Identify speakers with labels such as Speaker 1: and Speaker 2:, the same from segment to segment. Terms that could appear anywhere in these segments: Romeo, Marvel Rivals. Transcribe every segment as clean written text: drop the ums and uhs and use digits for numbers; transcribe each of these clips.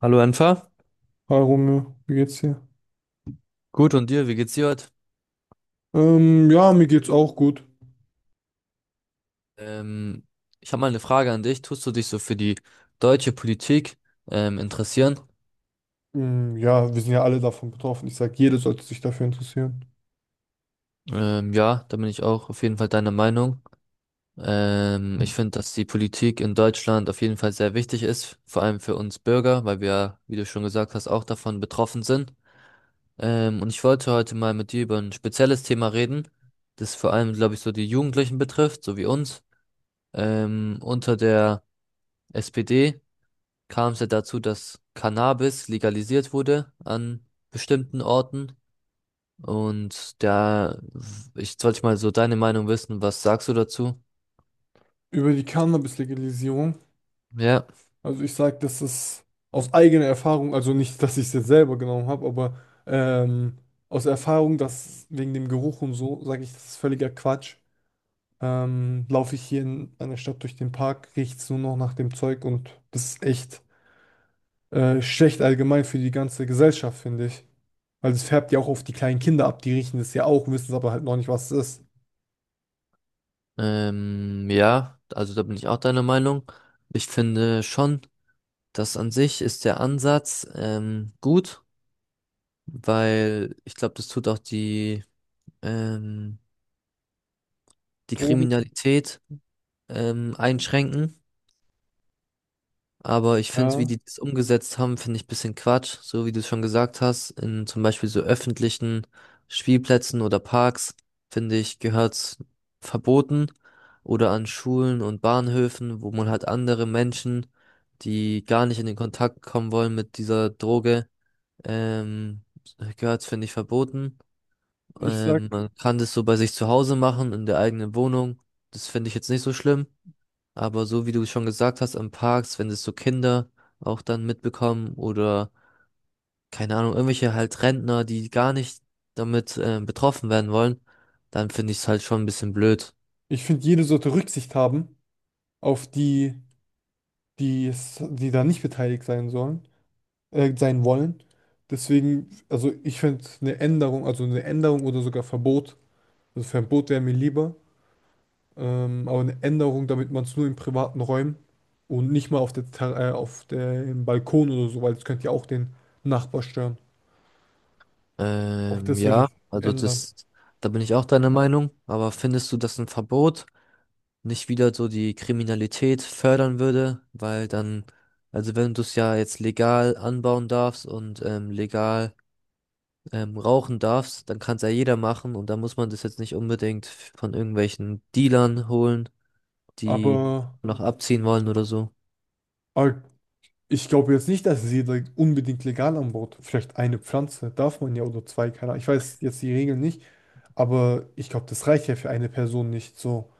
Speaker 1: Hallo Enfer,
Speaker 2: Hi Romeo, wie geht's dir?
Speaker 1: gut und dir, wie geht's dir heute?
Speaker 2: Ja, mir geht's auch gut.
Speaker 1: Ähm, Ich habe mal eine Frage an dich. Tust du dich so für die deutsche Politik interessieren?
Speaker 2: Ja, wir sind ja alle davon betroffen. Ich sag, jeder sollte sich dafür interessieren.
Speaker 1: Ja, da bin ich auch auf jeden Fall deiner Meinung. Ich finde, dass die Politik in Deutschland auf jeden Fall sehr wichtig ist, vor allem für uns Bürger, weil wir, wie du schon gesagt hast, auch davon betroffen sind. Und ich wollte heute mal mit dir über ein spezielles Thema reden, das vor allem, glaube ich, so die Jugendlichen betrifft, so wie uns. Unter der SPD kam es ja dazu, dass Cannabis legalisiert wurde an bestimmten Orten. Und da, ich sollte mal so deine Meinung wissen, was sagst du dazu?
Speaker 2: Über die Cannabis-Legalisierung.
Speaker 1: Ja,
Speaker 2: Also ich sag, das ist aus eigener Erfahrung, also nicht, dass ich es jetzt selber genommen habe, aber ähm, aus Erfahrung, dass wegen dem Geruch und so, sage ich, das ist völliger Quatsch. Laufe ich hier in einer Stadt durch den Park, riecht's nur noch nach dem Zeug und das ist echt schlecht allgemein für die ganze Gesellschaft, finde ich. Weil es färbt ja auch auf die kleinen Kinder ab. Die riechen es ja auch, wissen es aber halt noch nicht, was es ist.
Speaker 1: ja, also da bin ich auch deiner Meinung. Ich finde schon, dass an sich ist der Ansatz gut, weil ich glaube, das tut auch die, ähm, die
Speaker 2: Drogen,
Speaker 1: Kriminalität einschränken. Aber ich finde, wie
Speaker 2: ja.
Speaker 1: die das umgesetzt haben, finde ich ein bisschen Quatsch. So wie du es schon gesagt hast, in zum Beispiel so öffentlichen Spielplätzen oder Parks, finde ich, gehört's verboten. Oder an Schulen und Bahnhöfen, wo man halt andere Menschen, die gar nicht in den Kontakt kommen wollen mit dieser Droge, ähm, gehört's, finde ich, verboten.
Speaker 2: Ich sag,
Speaker 1: Man kann das so bei sich zu Hause machen, in der eigenen Wohnung. Das finde ich jetzt nicht so schlimm. Aber so wie du schon gesagt hast, im Parks, wenn das so Kinder auch dann mitbekommen oder keine Ahnung, irgendwelche halt Rentner, die gar nicht damit betroffen werden wollen, dann finde ich es halt schon ein bisschen blöd.
Speaker 2: ich finde, jede sollte Rücksicht haben auf die da nicht beteiligt sein sollen, sein wollen. Deswegen, also ich finde eine Änderung, also eine Änderung oder sogar Verbot, also Verbot wäre mir lieber, aber eine Änderung, damit man es nur in privaten Räumen und nicht mal auf auf dem Balkon oder so, weil das könnte ja auch den Nachbar stören. Auch das würde
Speaker 1: Ja,
Speaker 2: ich
Speaker 1: also
Speaker 2: ändern.
Speaker 1: das, da bin ich auch deiner Meinung. Aber findest du, dass ein Verbot nicht wieder so die Kriminalität fördern würde? Weil dann, also wenn du es ja jetzt legal anbauen darfst und legal rauchen darfst, dann kann es ja jeder machen und dann muss man das jetzt nicht unbedingt von irgendwelchen Dealern holen, die
Speaker 2: Aber
Speaker 1: noch abziehen wollen oder so.
Speaker 2: Aber ich glaube jetzt nicht, dass sie da unbedingt legal anbaut. Vielleicht eine Pflanze darf man ja oder zwei, keine Ahnung. Ich weiß jetzt die Regeln nicht, aber ich glaube, das reicht ja für eine Person nicht. So,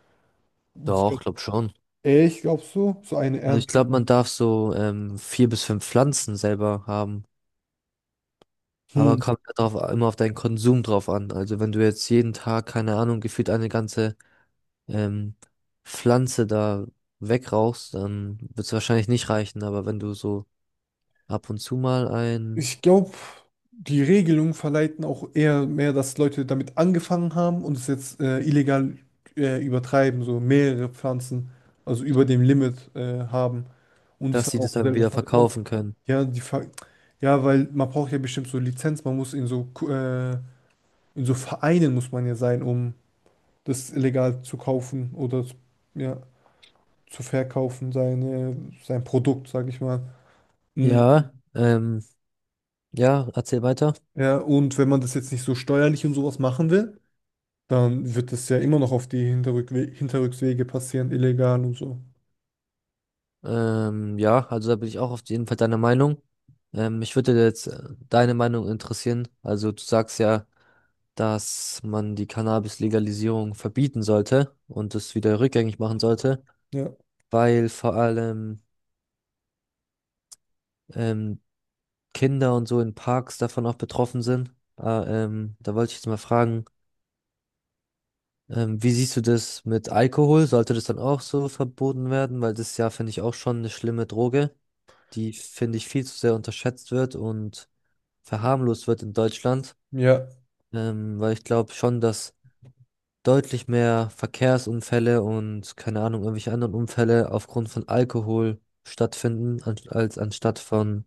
Speaker 2: ich
Speaker 1: Doch,
Speaker 2: glaube,
Speaker 1: glaub schon.
Speaker 2: ich glaube so, so eine
Speaker 1: Also ich
Speaker 2: Ernte.
Speaker 1: glaube, man darf so 4 bis 5 Pflanzen selber haben. Aber
Speaker 2: Hm.
Speaker 1: kommt ja drauf, immer auf deinen Konsum drauf an. Also wenn du jetzt jeden Tag, keine Ahnung, gefühlt eine ganze ähm, Pflanze da wegrauchst, dann wird es wahrscheinlich nicht reichen. Aber wenn du so ab und zu mal ein,
Speaker 2: Ich glaube, die Regelungen verleiten auch eher mehr, dass Leute damit angefangen haben und es jetzt illegal übertreiben, so mehrere Pflanzen, also über dem Limit haben. Und es
Speaker 1: dass
Speaker 2: dann
Speaker 1: sie das
Speaker 2: auch
Speaker 1: dann
Speaker 2: selber
Speaker 1: wieder
Speaker 2: verkaufen.
Speaker 1: verkaufen können.
Speaker 2: Ja, die Ver Ja, weil man braucht ja bestimmt so Lizenz, man muss in so in so Vereinen muss man ja sein, um das illegal zu kaufen ja, zu verkaufen, sein Produkt, sag ich mal. Mm,
Speaker 1: Ja, ja, erzähl weiter.
Speaker 2: ja, und wenn man das jetzt nicht so steuerlich und sowas machen will, dann wird das ja immer noch auf die Hinterrückswege passieren, illegal und so.
Speaker 1: Ja, also da bin ich auch auf jeden Fall deiner Meinung. Mich würde jetzt deine Meinung interessieren. Also du sagst ja, dass man die Cannabis-Legalisierung verbieten sollte und es wieder rückgängig machen sollte,
Speaker 2: Ja.
Speaker 1: weil vor allem ähm, Kinder und so in Parks davon auch betroffen sind. Ah, da wollte ich jetzt mal fragen, wie siehst du das mit Alkohol? Sollte das dann auch so verboten werden? Weil das ist ja, finde ich, auch schon eine schlimme Droge, die, finde ich, viel zu sehr unterschätzt wird und verharmlost wird in Deutschland.
Speaker 2: Ja,
Speaker 1: Weil ich glaube schon, dass deutlich mehr Verkehrsunfälle und keine Ahnung, irgendwelche anderen Unfälle aufgrund von Alkohol stattfinden, an, als anstatt von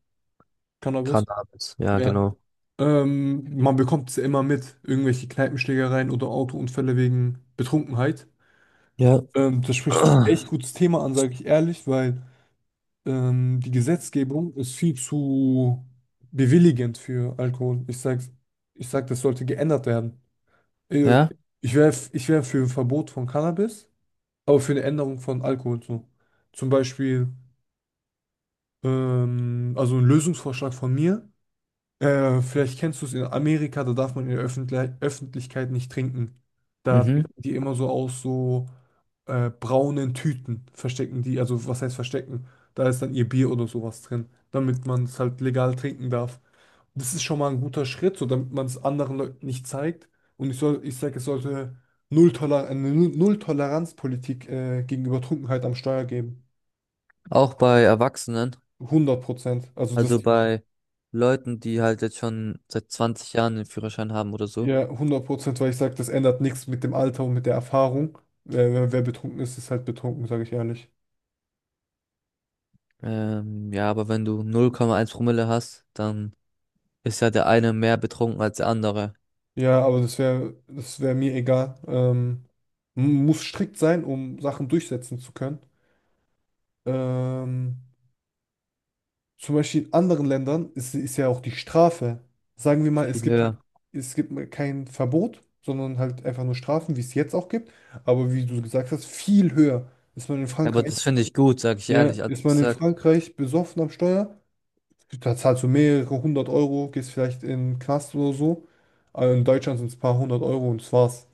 Speaker 2: Cannabis.
Speaker 1: Cannabis. Ja,
Speaker 2: Ja.
Speaker 1: genau.
Speaker 2: Man bekommt es ja immer mit, irgendwelche Kneipenschlägereien oder Autounfälle wegen Betrunkenheit.
Speaker 1: Ja.
Speaker 2: Das spricht ein echt gutes Thema an, sage ich ehrlich, weil die Gesetzgebung ist viel zu bewilligend für Alkohol. Ich sag, das sollte geändert werden. Äh,
Speaker 1: Ja.
Speaker 2: Ich wär für ein Verbot von Cannabis, aber für eine Änderung von Alkohol so. Zum Beispiel, also ein Lösungsvorschlag von mir. Vielleicht kennst du es in Amerika, da darf man in der Öffentlichkeit nicht trinken. Da
Speaker 1: Mhm.
Speaker 2: trinken die immer so aus so braunen Tüten, verstecken die, also was heißt verstecken? Da ist dann ihr Bier oder sowas drin, damit man es halt legal trinken darf. Das ist schon mal ein guter Schritt, so damit man es anderen Leuten nicht zeigt. Und ich sage, es sollte Null-Toleranz-Politik gegenüber Trunkenheit am Steuer geben.
Speaker 1: Auch bei Erwachsenen,
Speaker 2: Hundert Prozent. Also das.
Speaker 1: also bei Leuten, die halt jetzt schon seit 20 Jahren den Führerschein haben oder so.
Speaker 2: Ja, 100%, weil ich sage, das ändert nichts mit dem Alter und mit der Erfahrung. Wer betrunken ist, ist halt betrunken, sage ich ehrlich.
Speaker 1: Ja, aber wenn du 0,1 Promille hast, dann ist ja der eine mehr betrunken als der andere.
Speaker 2: Ja, aber das wär mir egal. Muss strikt sein, um Sachen durchsetzen zu können. Ähm, Zum Beispiel in anderen Ländern ist ja auch die Strafe. Sagen wir mal,
Speaker 1: Viel höher.
Speaker 2: es gibt kein Verbot, sondern halt einfach nur Strafen, wie es jetzt auch gibt. Aber wie du gesagt hast, viel höher. Ist man in
Speaker 1: Aber
Speaker 2: Frankreich,
Speaker 1: das finde ich gut, sag ich
Speaker 2: Ja,
Speaker 1: ehrlich. Also
Speaker 2: ist
Speaker 1: ich
Speaker 2: man in
Speaker 1: sag,
Speaker 2: Frankreich besoffen am Steuer? Da zahlst du mehrere hundert Euro, gehst vielleicht in den Knast oder so. Aber in Deutschland sind es ein paar hundert Euro und das war's.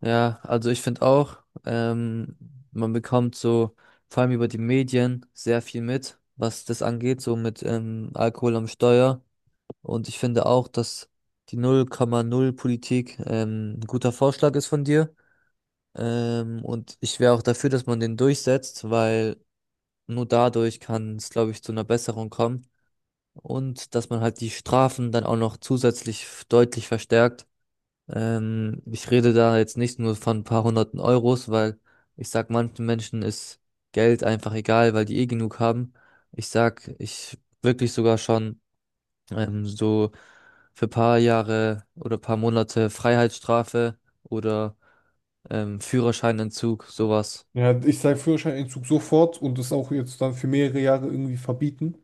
Speaker 1: ja, also ich finde auch, ähm, man bekommt so, vor allem über die Medien, sehr viel mit, was das angeht, so mit Alkohol am Steuer. Und ich finde auch, dass die 0,0-Politik ein guter Vorschlag ist von dir. Und ich wäre auch dafür, dass man den durchsetzt, weil nur dadurch kann es, glaube ich, zu einer Besserung kommen. Und dass man halt die Strafen dann auch noch zusätzlich deutlich verstärkt. Ich rede da jetzt nicht nur von ein paar hunderten Euros, weil ich sag, manchen Menschen ist Geld einfach egal, weil die eh genug haben. Ich sag, ich wirklich sogar schon so für paar Jahre oder paar Monate Freiheitsstrafe oder Führerscheinentzug, sowas.
Speaker 2: Ja, ich sage Führerscheinentzug sofort und das auch jetzt dann für mehrere Jahre irgendwie verbieten.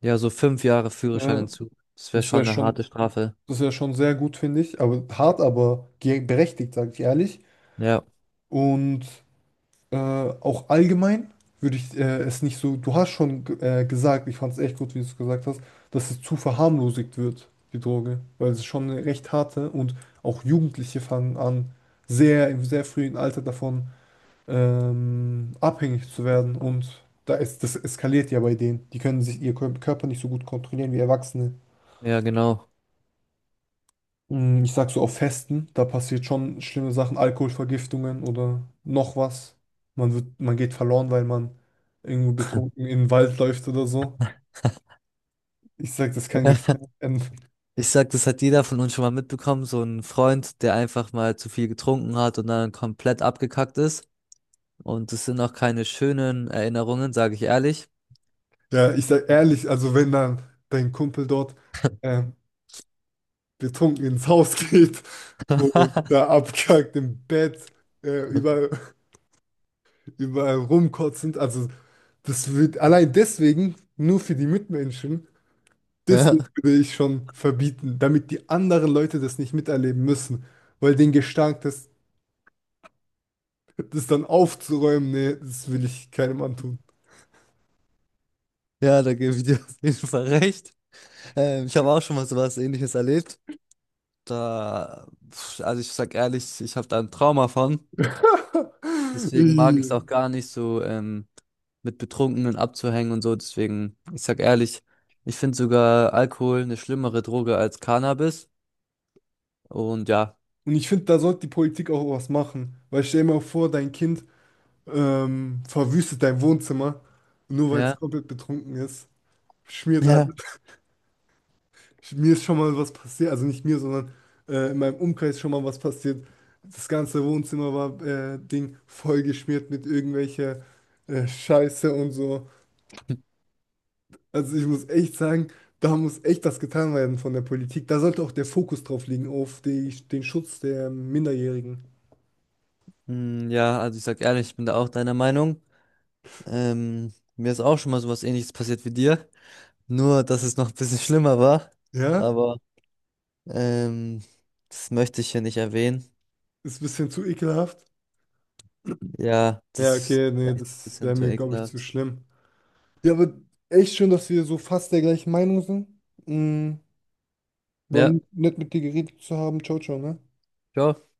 Speaker 1: Ja, so 5 Jahre
Speaker 2: Äh,
Speaker 1: Führerscheinentzug. Das wäre
Speaker 2: das wäre
Speaker 1: schon eine harte
Speaker 2: schon,
Speaker 1: Strafe.
Speaker 2: das wäre schon sehr gut, finde ich. Aber hart, aber berechtigt, sage ich ehrlich.
Speaker 1: Ja,
Speaker 2: Und auch allgemein würde ich es nicht so, du hast schon gesagt, ich fand es echt gut, wie du es gesagt hast, dass es zu verharmlosigt wird, die Droge, weil es ist schon eine recht harte und auch Jugendliche fangen an, sehr frühen Alter davon abhängig zu werden und das eskaliert ja bei denen. Die können sich ihr Körper nicht so gut kontrollieren wie Erwachsene.
Speaker 1: ja, genau.
Speaker 2: Mm, ich sag so auf Festen, da passiert schon schlimme Sachen, Alkoholvergiftungen oder noch was. Man geht verloren, weil man irgendwo betrunken in den Wald läuft oder so. Ich sag, das kann gefährlich enden.
Speaker 1: Ich sag, das hat jeder von uns schon mal mitbekommen, so ein Freund, der einfach mal zu viel getrunken hat und dann komplett abgekackt ist. Und das sind auch keine schönen Erinnerungen, sage ich ehrlich.
Speaker 2: Ja, ich sag ehrlich, also wenn dann dein Kumpel dort ähm, betrunken ins Haus geht und da abkackt im Bett, überall, überall rumkotzend, also das wird allein deswegen nur für die Mitmenschen. Deswegen
Speaker 1: Ja,
Speaker 2: würde ich schon verbieten, damit die anderen Leute das nicht miterleben müssen. Weil den Gestank, das dann aufzuräumen, nee, das will ich keinem antun.
Speaker 1: ja, da gebe ich dir auf jeden Fall recht. Ich habe auch schon mal sowas Ähnliches erlebt. Da, pf, also ich sag ehrlich, ich habe da ein Trauma von. Deswegen mag
Speaker 2: Ih.
Speaker 1: ich es auch gar nicht so mit Betrunkenen abzuhängen und so. Deswegen, ich sag ehrlich, ich finde sogar Alkohol eine schlimmere Droge als Cannabis. Und ja.
Speaker 2: Und ich finde, da sollte die Politik auch was machen. Weil stell dir mal vor, dein Kind verwüstet dein Wohnzimmer, nur weil es
Speaker 1: Ja,
Speaker 2: komplett betrunken ist, schmiert alles.
Speaker 1: ja.
Speaker 2: Mir ist schon mal was passiert, also nicht mir, sondern in meinem Umkreis schon mal was passiert. Das ganze Wohnzimmer war Ding vollgeschmiert mit irgendwelcher Scheiße und so. Also ich muss echt sagen, da muss echt das getan werden von der Politik. Da sollte auch der Fokus drauf liegen, auf den Schutz der Minderjährigen.
Speaker 1: Hm, ja, also ich sag ehrlich, ich bin da auch deiner Meinung. Mir ist auch schon mal sowas Ähnliches passiert wie dir. Nur, dass es noch ein bisschen schlimmer war.
Speaker 2: Ja?
Speaker 1: Aber ähm, das möchte ich hier nicht erwähnen.
Speaker 2: Ist ein bisschen zu ekelhaft.
Speaker 1: Ja,
Speaker 2: Ja,
Speaker 1: das
Speaker 2: okay, nee,
Speaker 1: ist ein
Speaker 2: das wäre
Speaker 1: bisschen zu
Speaker 2: mir, glaube ich, zu
Speaker 1: ekelhaft.
Speaker 2: schlimm. Ja, aber echt schön, dass wir so fast der gleichen Meinung sind. Mm, war
Speaker 1: Ja,
Speaker 2: nett mit dir geredet zu haben. Ciao, ciao, ne?
Speaker 1: ciao.